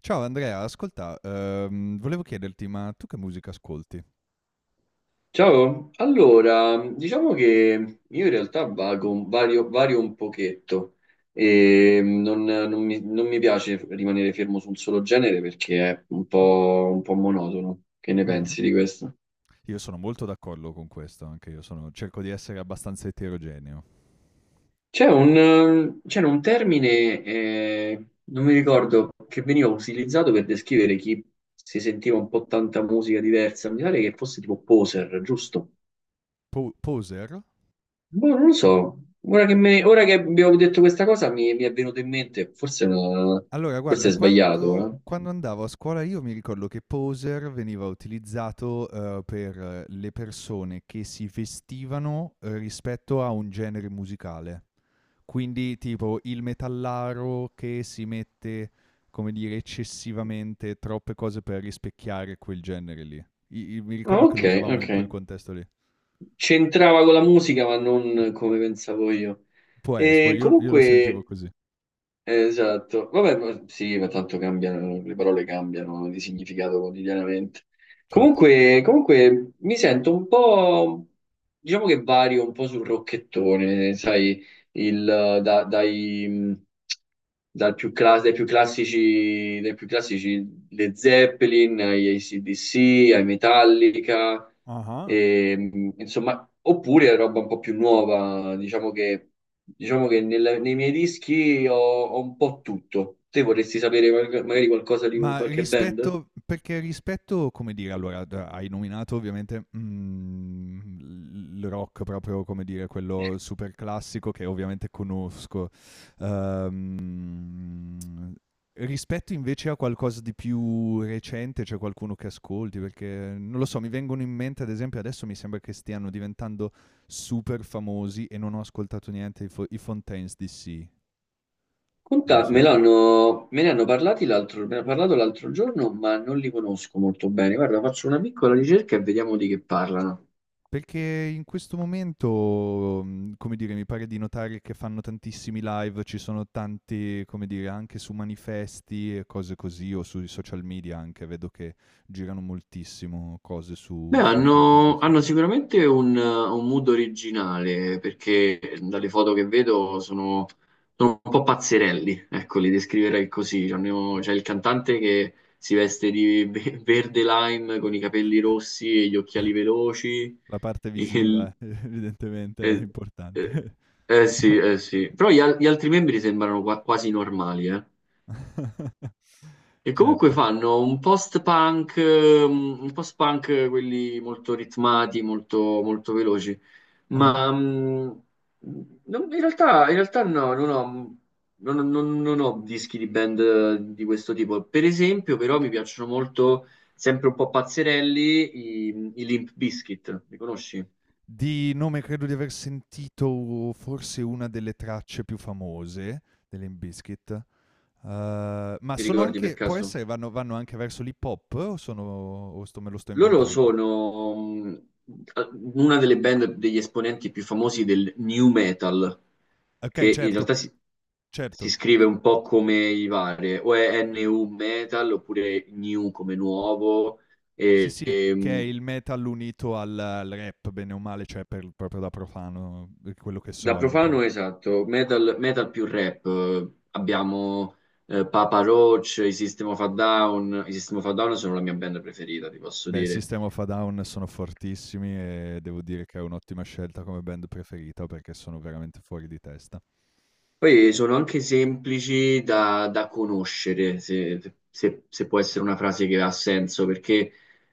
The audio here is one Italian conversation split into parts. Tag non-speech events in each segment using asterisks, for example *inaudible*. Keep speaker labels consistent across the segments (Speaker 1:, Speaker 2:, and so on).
Speaker 1: Ciao Andrea, ascolta, volevo chiederti, ma tu che musica ascolti?
Speaker 2: Ciao, allora, diciamo che io in realtà vago, vario un pochetto e non mi piace rimanere fermo su un solo genere perché è un po' monotono. Che ne
Speaker 1: Mh-mh.
Speaker 2: pensi di questo?
Speaker 1: Io sono molto d'accordo con questo, anche io sono cerco di essere abbastanza eterogeneo.
Speaker 2: C'era un termine, non mi ricordo, che veniva utilizzato per descrivere chi si sentiva un po' tanta musica diversa, mi pare che fosse tipo poser, giusto?
Speaker 1: Po Poser?
Speaker 2: Boh, non lo so, ora che abbiamo detto questa cosa mi è venuto in mente, forse,
Speaker 1: Allora
Speaker 2: forse
Speaker 1: guarda,
Speaker 2: è sbagliato,
Speaker 1: quando
Speaker 2: eh?
Speaker 1: quando andavo a scuola io mi ricordo che Poser veniva utilizzato, per le persone che si vestivano rispetto a un genere musicale. Quindi tipo il metallaro che si mette, come dire, eccessivamente troppe cose per rispecchiare quel genere lì. Mi
Speaker 2: Ah,
Speaker 1: ricordo che
Speaker 2: ok,
Speaker 1: lo usavamo in
Speaker 2: ok.
Speaker 1: quel contesto lì.
Speaker 2: C'entrava con la musica, ma non come pensavo io.
Speaker 1: Può essere, poi
Speaker 2: E
Speaker 1: io lo sentivo
Speaker 2: comunque.
Speaker 1: così,
Speaker 2: Esatto, vabbè, sì, ma tanto cambiano, le parole cambiano di significato quotidianamente.
Speaker 1: certo.
Speaker 2: Comunque, mi sento un po', diciamo che vario un po' sul rocchettone, sai, il, eh, da- dai, mh, dai più classici le Zeppelin, agli AC/DC, ai Metallica,
Speaker 1: Ah ah.
Speaker 2: e, insomma, oppure roba un po' più nuova, diciamo che. Diciamo che nei miei dischi ho un po' tutto. Te vorresti sapere magari qualcosa di
Speaker 1: Ma
Speaker 2: qualche band?
Speaker 1: rispetto, perché rispetto, come dire, allora d hai nominato ovviamente, mhmm, il rock proprio, come dire, quello super classico che ovviamente conosco. Uhm, rispetto invece a qualcosa di più recente, c'è qualcuno che ascolti? Perché, non lo so, mi vengono in mente ad esempio adesso mi sembra che stiano diventando super famosi e non ho ascoltato niente, i Fontaines D.C. Non
Speaker 2: Conta,
Speaker 1: so
Speaker 2: me
Speaker 1: se.
Speaker 2: l'hanno me ne hanno parlati l'altro, me ne ha parlato l'altro giorno, ma non li conosco molto bene. Guarda, faccio una piccola ricerca e vediamo di che parlano.
Speaker 1: Perché in questo momento, mhmm, come dire, mi pare di notare che fanno tantissimi live, ci sono tanti, come dire, anche su manifesti e cose così, o sui social media anche, vedo che girano moltissimo cose su
Speaker 2: Beh,
Speaker 1: sui fantasy
Speaker 2: hanno,
Speaker 1: se
Speaker 2: hanno sicuramente un mood originale, perché dalle foto che vedo sono un po' pazzerelli, ecco, li descriverei così. C'è
Speaker 1: ah.
Speaker 2: il cantante che si veste di verde lime con i capelli rossi e gli occhiali veloci.
Speaker 1: *laughs* La parte
Speaker 2: Il-
Speaker 1: visiva *laughs* evidentemente è
Speaker 2: eh, eh,
Speaker 1: importante.
Speaker 2: eh sì, eh sì. Però gli altri membri sembrano quasi normali, eh.
Speaker 1: *laughs*
Speaker 2: E comunque
Speaker 1: Certo.
Speaker 2: fanno un post-punk, quelli molto ritmati, molto veloci,
Speaker 1: Ah-ah.
Speaker 2: ma in realtà, no, non ho dischi di band di questo tipo. Per esempio, però, mi piacciono molto, sempre un po' pazzerelli, i Limp Bizkit, li conosci?
Speaker 1: Di nome credo di aver sentito forse una delle tracce più famose dell'Limp Bizkit. Ma
Speaker 2: Ti
Speaker 1: sono
Speaker 2: ricordi per
Speaker 1: anche, può
Speaker 2: caso?
Speaker 1: essere, vanno anche verso l'hip hop o sono, o sto me lo sto
Speaker 2: Loro
Speaker 1: inventando?
Speaker 2: sono una delle band degli esponenti più famosi del new metal,
Speaker 1: Okay,
Speaker 2: che in
Speaker 1: certo,
Speaker 2: realtà si
Speaker 1: certo.
Speaker 2: scrive
Speaker 1: C
Speaker 2: un po' come i vari, o è NU metal oppure new come nuovo.
Speaker 1: Sì,
Speaker 2: E,
Speaker 1: sì,
Speaker 2: e,
Speaker 1: che è
Speaker 2: mm,
Speaker 1: il metal unito al rap, bene o male, cioè per proprio da profano, per quello che
Speaker 2: da
Speaker 1: so è un po'.
Speaker 2: profano, esatto, metal, metal più rap. Abbiamo Papa Roach, i System of a Down. I System of a Down sono la mia band preferita, ti posso
Speaker 1: Beh, i
Speaker 2: dire.
Speaker 1: System of a Down sono fortissimi e devo dire che è un'ottima scelta come band preferita, perché sono veramente fuori di testa.
Speaker 2: Poi sono anche semplici da conoscere, se può essere una frase che ha senso, perché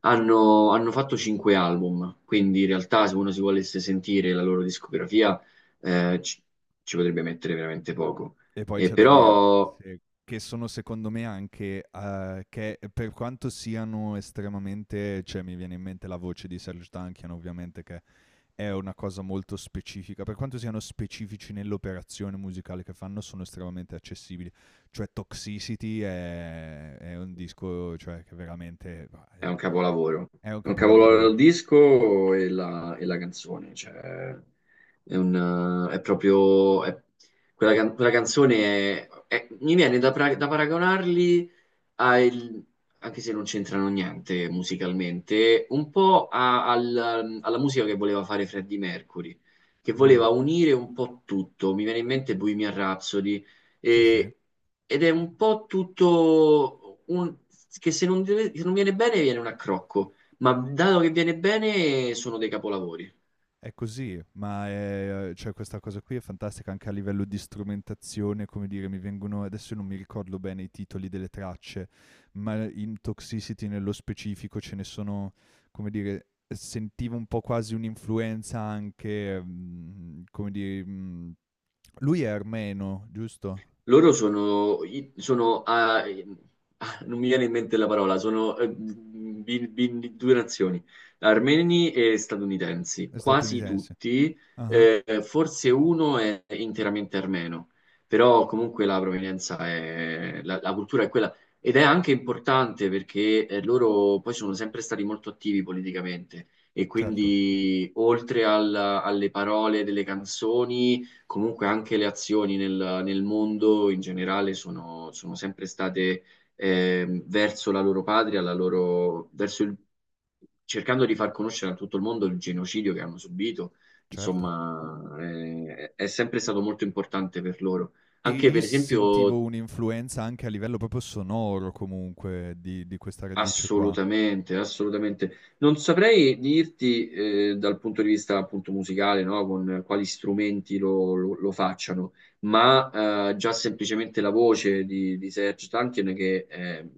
Speaker 2: hanno fatto cinque album, quindi in realtà se uno si volesse sentire la loro discografia eh, ci, ci potrebbe mettere veramente poco.
Speaker 1: E poi
Speaker 2: E
Speaker 1: c'è da dire
Speaker 2: però
Speaker 1: se che sono secondo me anche, che per quanto siano estremamente, cioè mi viene in mente la voce di Serge Tankian ovviamente, che è una cosa molto specifica, per quanto siano specifici nell'operazione musicale che fanno sono estremamente accessibili, cioè Toxicity è un disco, cioè, che veramente va,
Speaker 2: è un capolavoro,
Speaker 1: è un
Speaker 2: è un capolavoro
Speaker 1: capolavoro.
Speaker 2: il disco e la canzone, cioè è proprio. Quella canzone mi viene da paragonarli ha il- anche se non c'entrano niente musicalmente, un po' alla musica che voleva fare Freddie Mercury, che
Speaker 1: Mm,
Speaker 2: voleva unire un po' tutto. Mi viene in mente Bohemian Rhapsody,
Speaker 1: sì sì.
Speaker 2: e- ed è un po' tutto che se non viene bene viene un accrocco, ma dato che viene bene sono dei capolavori.
Speaker 1: È così, ma è, cioè questa cosa qui è fantastica anche a livello di strumentazione, come dire, mi vengono adesso, non mi ricordo bene i titoli delle tracce, ma in Toxicity nello specifico ce ne sono, come dire, sentivo un po' quasi un'influenza anche, mhmm, come dire, mhmm, lui è armeno, giusto?
Speaker 2: Loro sono, non mi viene in mente la parola, sono due nazioni, armeni e statunitensi,
Speaker 1: È
Speaker 2: quasi
Speaker 1: statunitense.
Speaker 2: tutti,
Speaker 1: Ah-ah,
Speaker 2: forse uno è interamente armeno, però comunque la provenienza è, la, la cultura è quella ed è anche importante perché loro poi sono sempre stati molto attivi politicamente e
Speaker 1: certo,
Speaker 2: quindi oltre alle parole delle canzoni comunque anche le azioni nel mondo in generale sono sempre state verso la loro patria, la loro, verso il, cercando di far conoscere a tutto il mondo il genocidio che hanno subito.
Speaker 1: certo.
Speaker 2: Insomma, è sempre stato molto importante per loro.
Speaker 1: E
Speaker 2: Anche
Speaker 1: io
Speaker 2: per
Speaker 1: sentivo
Speaker 2: esempio.
Speaker 1: un'influenza anche a livello proprio sonoro comunque di questa radice qua.
Speaker 2: Assolutamente, assolutamente. Non saprei dirti dal punto di vista appunto musicale, no? Con quali strumenti lo facciano, ma già semplicemente la voce di Serge Tankian che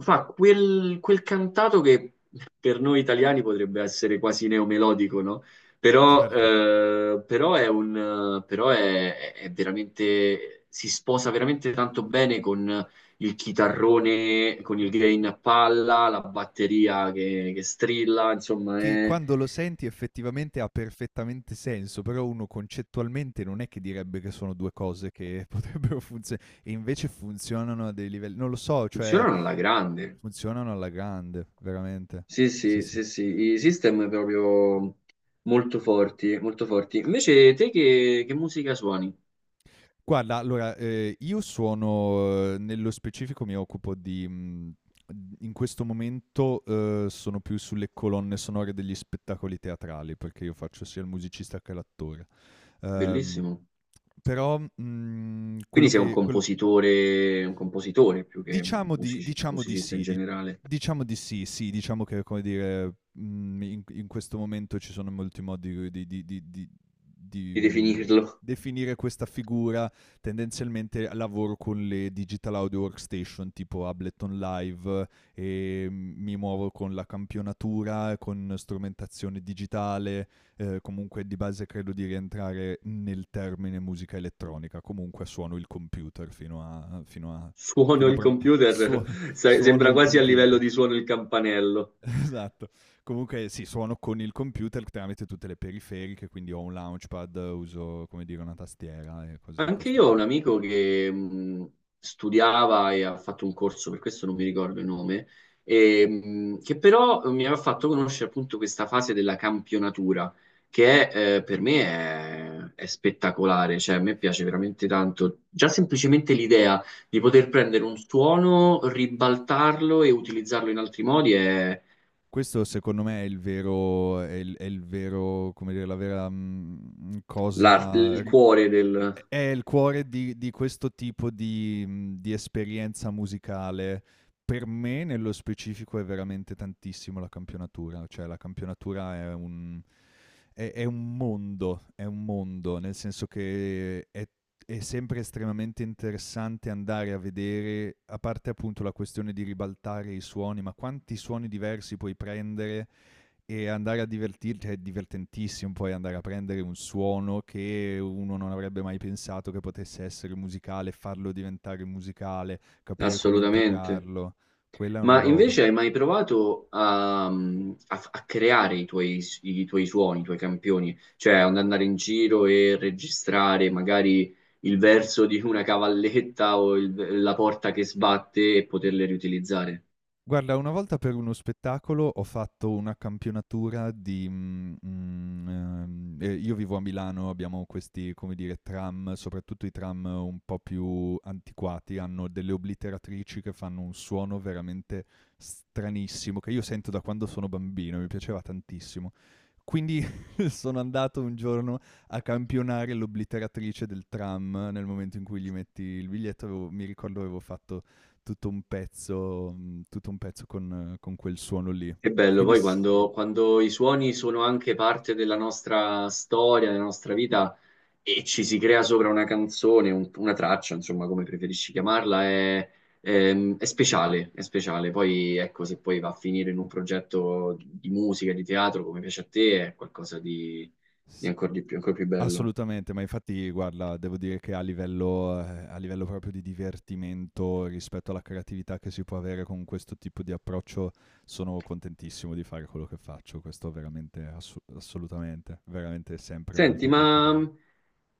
Speaker 2: fa quel cantato che per noi italiani potrebbe essere quasi neomelodico, no? Però,
Speaker 1: Certo.
Speaker 2: eh, però è un, però è, è veramente, si sposa veramente tanto bene con il chitarrone con il gain a palla, la batteria che strilla, insomma,
Speaker 1: Che quando lo senti effettivamente ha perfettamente senso, però uno concettualmente non è che direbbe che sono 2 cose che *laughs* potrebbero funzio e invece funzionano a dei livelli, non lo so, cioè
Speaker 2: funzionano alla grande.
Speaker 1: funzionano alla grande, veramente.
Speaker 2: Sì,
Speaker 1: Sì,
Speaker 2: sì,
Speaker 1: sì.
Speaker 2: sì, sì, i System proprio molto forti, molto forti. Invece te che musica suoni?
Speaker 1: Guarda, allora, io suono, nello specifico mi occupo di mhmm, in questo momento, sono più sulle colonne sonore degli spettacoli teatrali, perché io faccio sia il musicista che l'attore. Ehm,
Speaker 2: Bellissimo.
Speaker 1: però, mhmm, quello
Speaker 2: Quindi sei un
Speaker 1: che quello
Speaker 2: compositore, un compositore più che
Speaker 1: diciamo diciamo di
Speaker 2: musicista in
Speaker 1: sì,
Speaker 2: generale,
Speaker 1: diciamo di sì, sì, diciamo che, come dire, mm, in questo momento ci sono molti modi di
Speaker 2: di
Speaker 1: mm,
Speaker 2: definirlo.
Speaker 1: definire questa figura. Tendenzialmente lavoro con le digital audio workstation tipo Ableton Live e mm, mi muovo con la campionatura, con strumentazione digitale, comunque di base credo di rientrare nel termine musica elettronica, comunque suono il computer fino a.
Speaker 2: *laughs* Suono
Speaker 1: Fino a
Speaker 2: il
Speaker 1: prova *laughs*
Speaker 2: computer,
Speaker 1: suo
Speaker 2: *laughs* sai,
Speaker 1: suono
Speaker 2: sembra
Speaker 1: il
Speaker 2: quasi a livello
Speaker 1: computer.
Speaker 2: di suono il campanello.
Speaker 1: *laughs* Esatto. Comunque sì, suono con il computer tramite tutte le periferiche, quindi ho un launchpad, uso, come dire, una tastiera e cose di
Speaker 2: Anche
Speaker 1: questo
Speaker 2: io ho un
Speaker 1: tipo.
Speaker 2: amico che studiava e ha fatto un corso, per questo non mi ricordo il nome, e, che però mi aveva fatto conoscere appunto questa fase della campionatura, che per me è spettacolare, cioè a me piace veramente tanto. Già semplicemente l'idea di poter prendere un suono, ribaltarlo e utilizzarlo in altri modi è
Speaker 1: Questo secondo me è il vero, come dire, la vera, mhmm, cosa
Speaker 2: il
Speaker 1: ri
Speaker 2: cuore del.
Speaker 1: è il cuore di questo tipo di, mhmm, di esperienza musicale. Per me, nello specifico, è veramente tantissimo la campionatura, cioè la campionatura è un mondo, nel senso che è sempre estremamente interessante andare a vedere, a parte appunto la questione di ribaltare i suoni, ma quanti suoni diversi puoi prendere e andare a divertirti, è divertentissimo poi andare a prendere un suono che uno non avrebbe mai pensato che potesse essere musicale, farlo diventare musicale, capire come
Speaker 2: Assolutamente.
Speaker 1: integrarlo. Quella è una
Speaker 2: Ma
Speaker 1: roba.
Speaker 2: invece hai mai provato a creare i tuoi suoni, i tuoi campioni? Cioè ad andare in giro e registrare magari il verso di una cavalletta o la porta che sbatte e poterle riutilizzare?
Speaker 1: Guarda, una volta per uno spettacolo ho fatto una campionatura di io vivo a Milano, abbiamo questi, come dire, tram, soprattutto i tram un po' più antiquati, hanno delle obliteratrici che fanno un suono veramente stranissimo, che io sento da quando sono bambino, mi piaceva tantissimo. Quindi *laughs* sono andato un giorno a campionare l'obliteratrice del tram nel momento in cui gli metti il biglietto, avevo mi ricordo avevo fatto tutto un pezzo, mhmm, tutto un pezzo con quel suono lì.
Speaker 2: Che bello,
Speaker 1: Quindi
Speaker 2: poi
Speaker 1: sì,
Speaker 2: quando i suoni sono anche parte della nostra storia, della nostra vita e ci si crea sopra una canzone, una traccia, insomma, come preferisci chiamarla, è, è speciale, è speciale. Poi ecco, se poi va a finire in un progetto di musica, di teatro, come piace a te, è qualcosa di
Speaker 1: s
Speaker 2: ancora di più, ancora più bello.
Speaker 1: assolutamente, ma infatti guarda, devo dire che a livello, a livello proprio di divertimento rispetto alla creatività che si può avere con questo tipo di approccio, sono contentissimo di fare quello che faccio. Questo veramente assu assolutamente, veramente sempre
Speaker 2: Senti,
Speaker 1: molto, molto
Speaker 2: ma
Speaker 1: bello.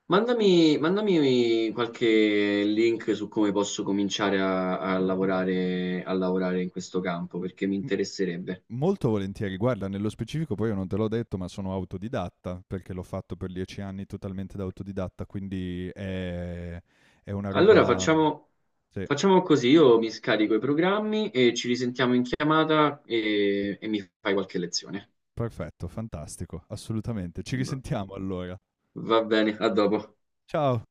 Speaker 2: mandami qualche link su come posso cominciare a lavorare in questo campo, perché mi interesserebbe.
Speaker 1: Molto volentieri, guarda, nello specifico poi io non te l'ho detto, ma sono autodidatta, perché l'ho fatto per 10 anni totalmente da autodidatta, quindi è una
Speaker 2: Allora
Speaker 1: roba
Speaker 2: facciamo,
Speaker 1: sì,
Speaker 2: facciamo così, io mi scarico i programmi e ci risentiamo in chiamata e mi fai qualche lezione.
Speaker 1: perfetto, fantastico, assolutamente. Ci
Speaker 2: Va
Speaker 1: risentiamo allora.
Speaker 2: va bene, a dopo.
Speaker 1: Ciao.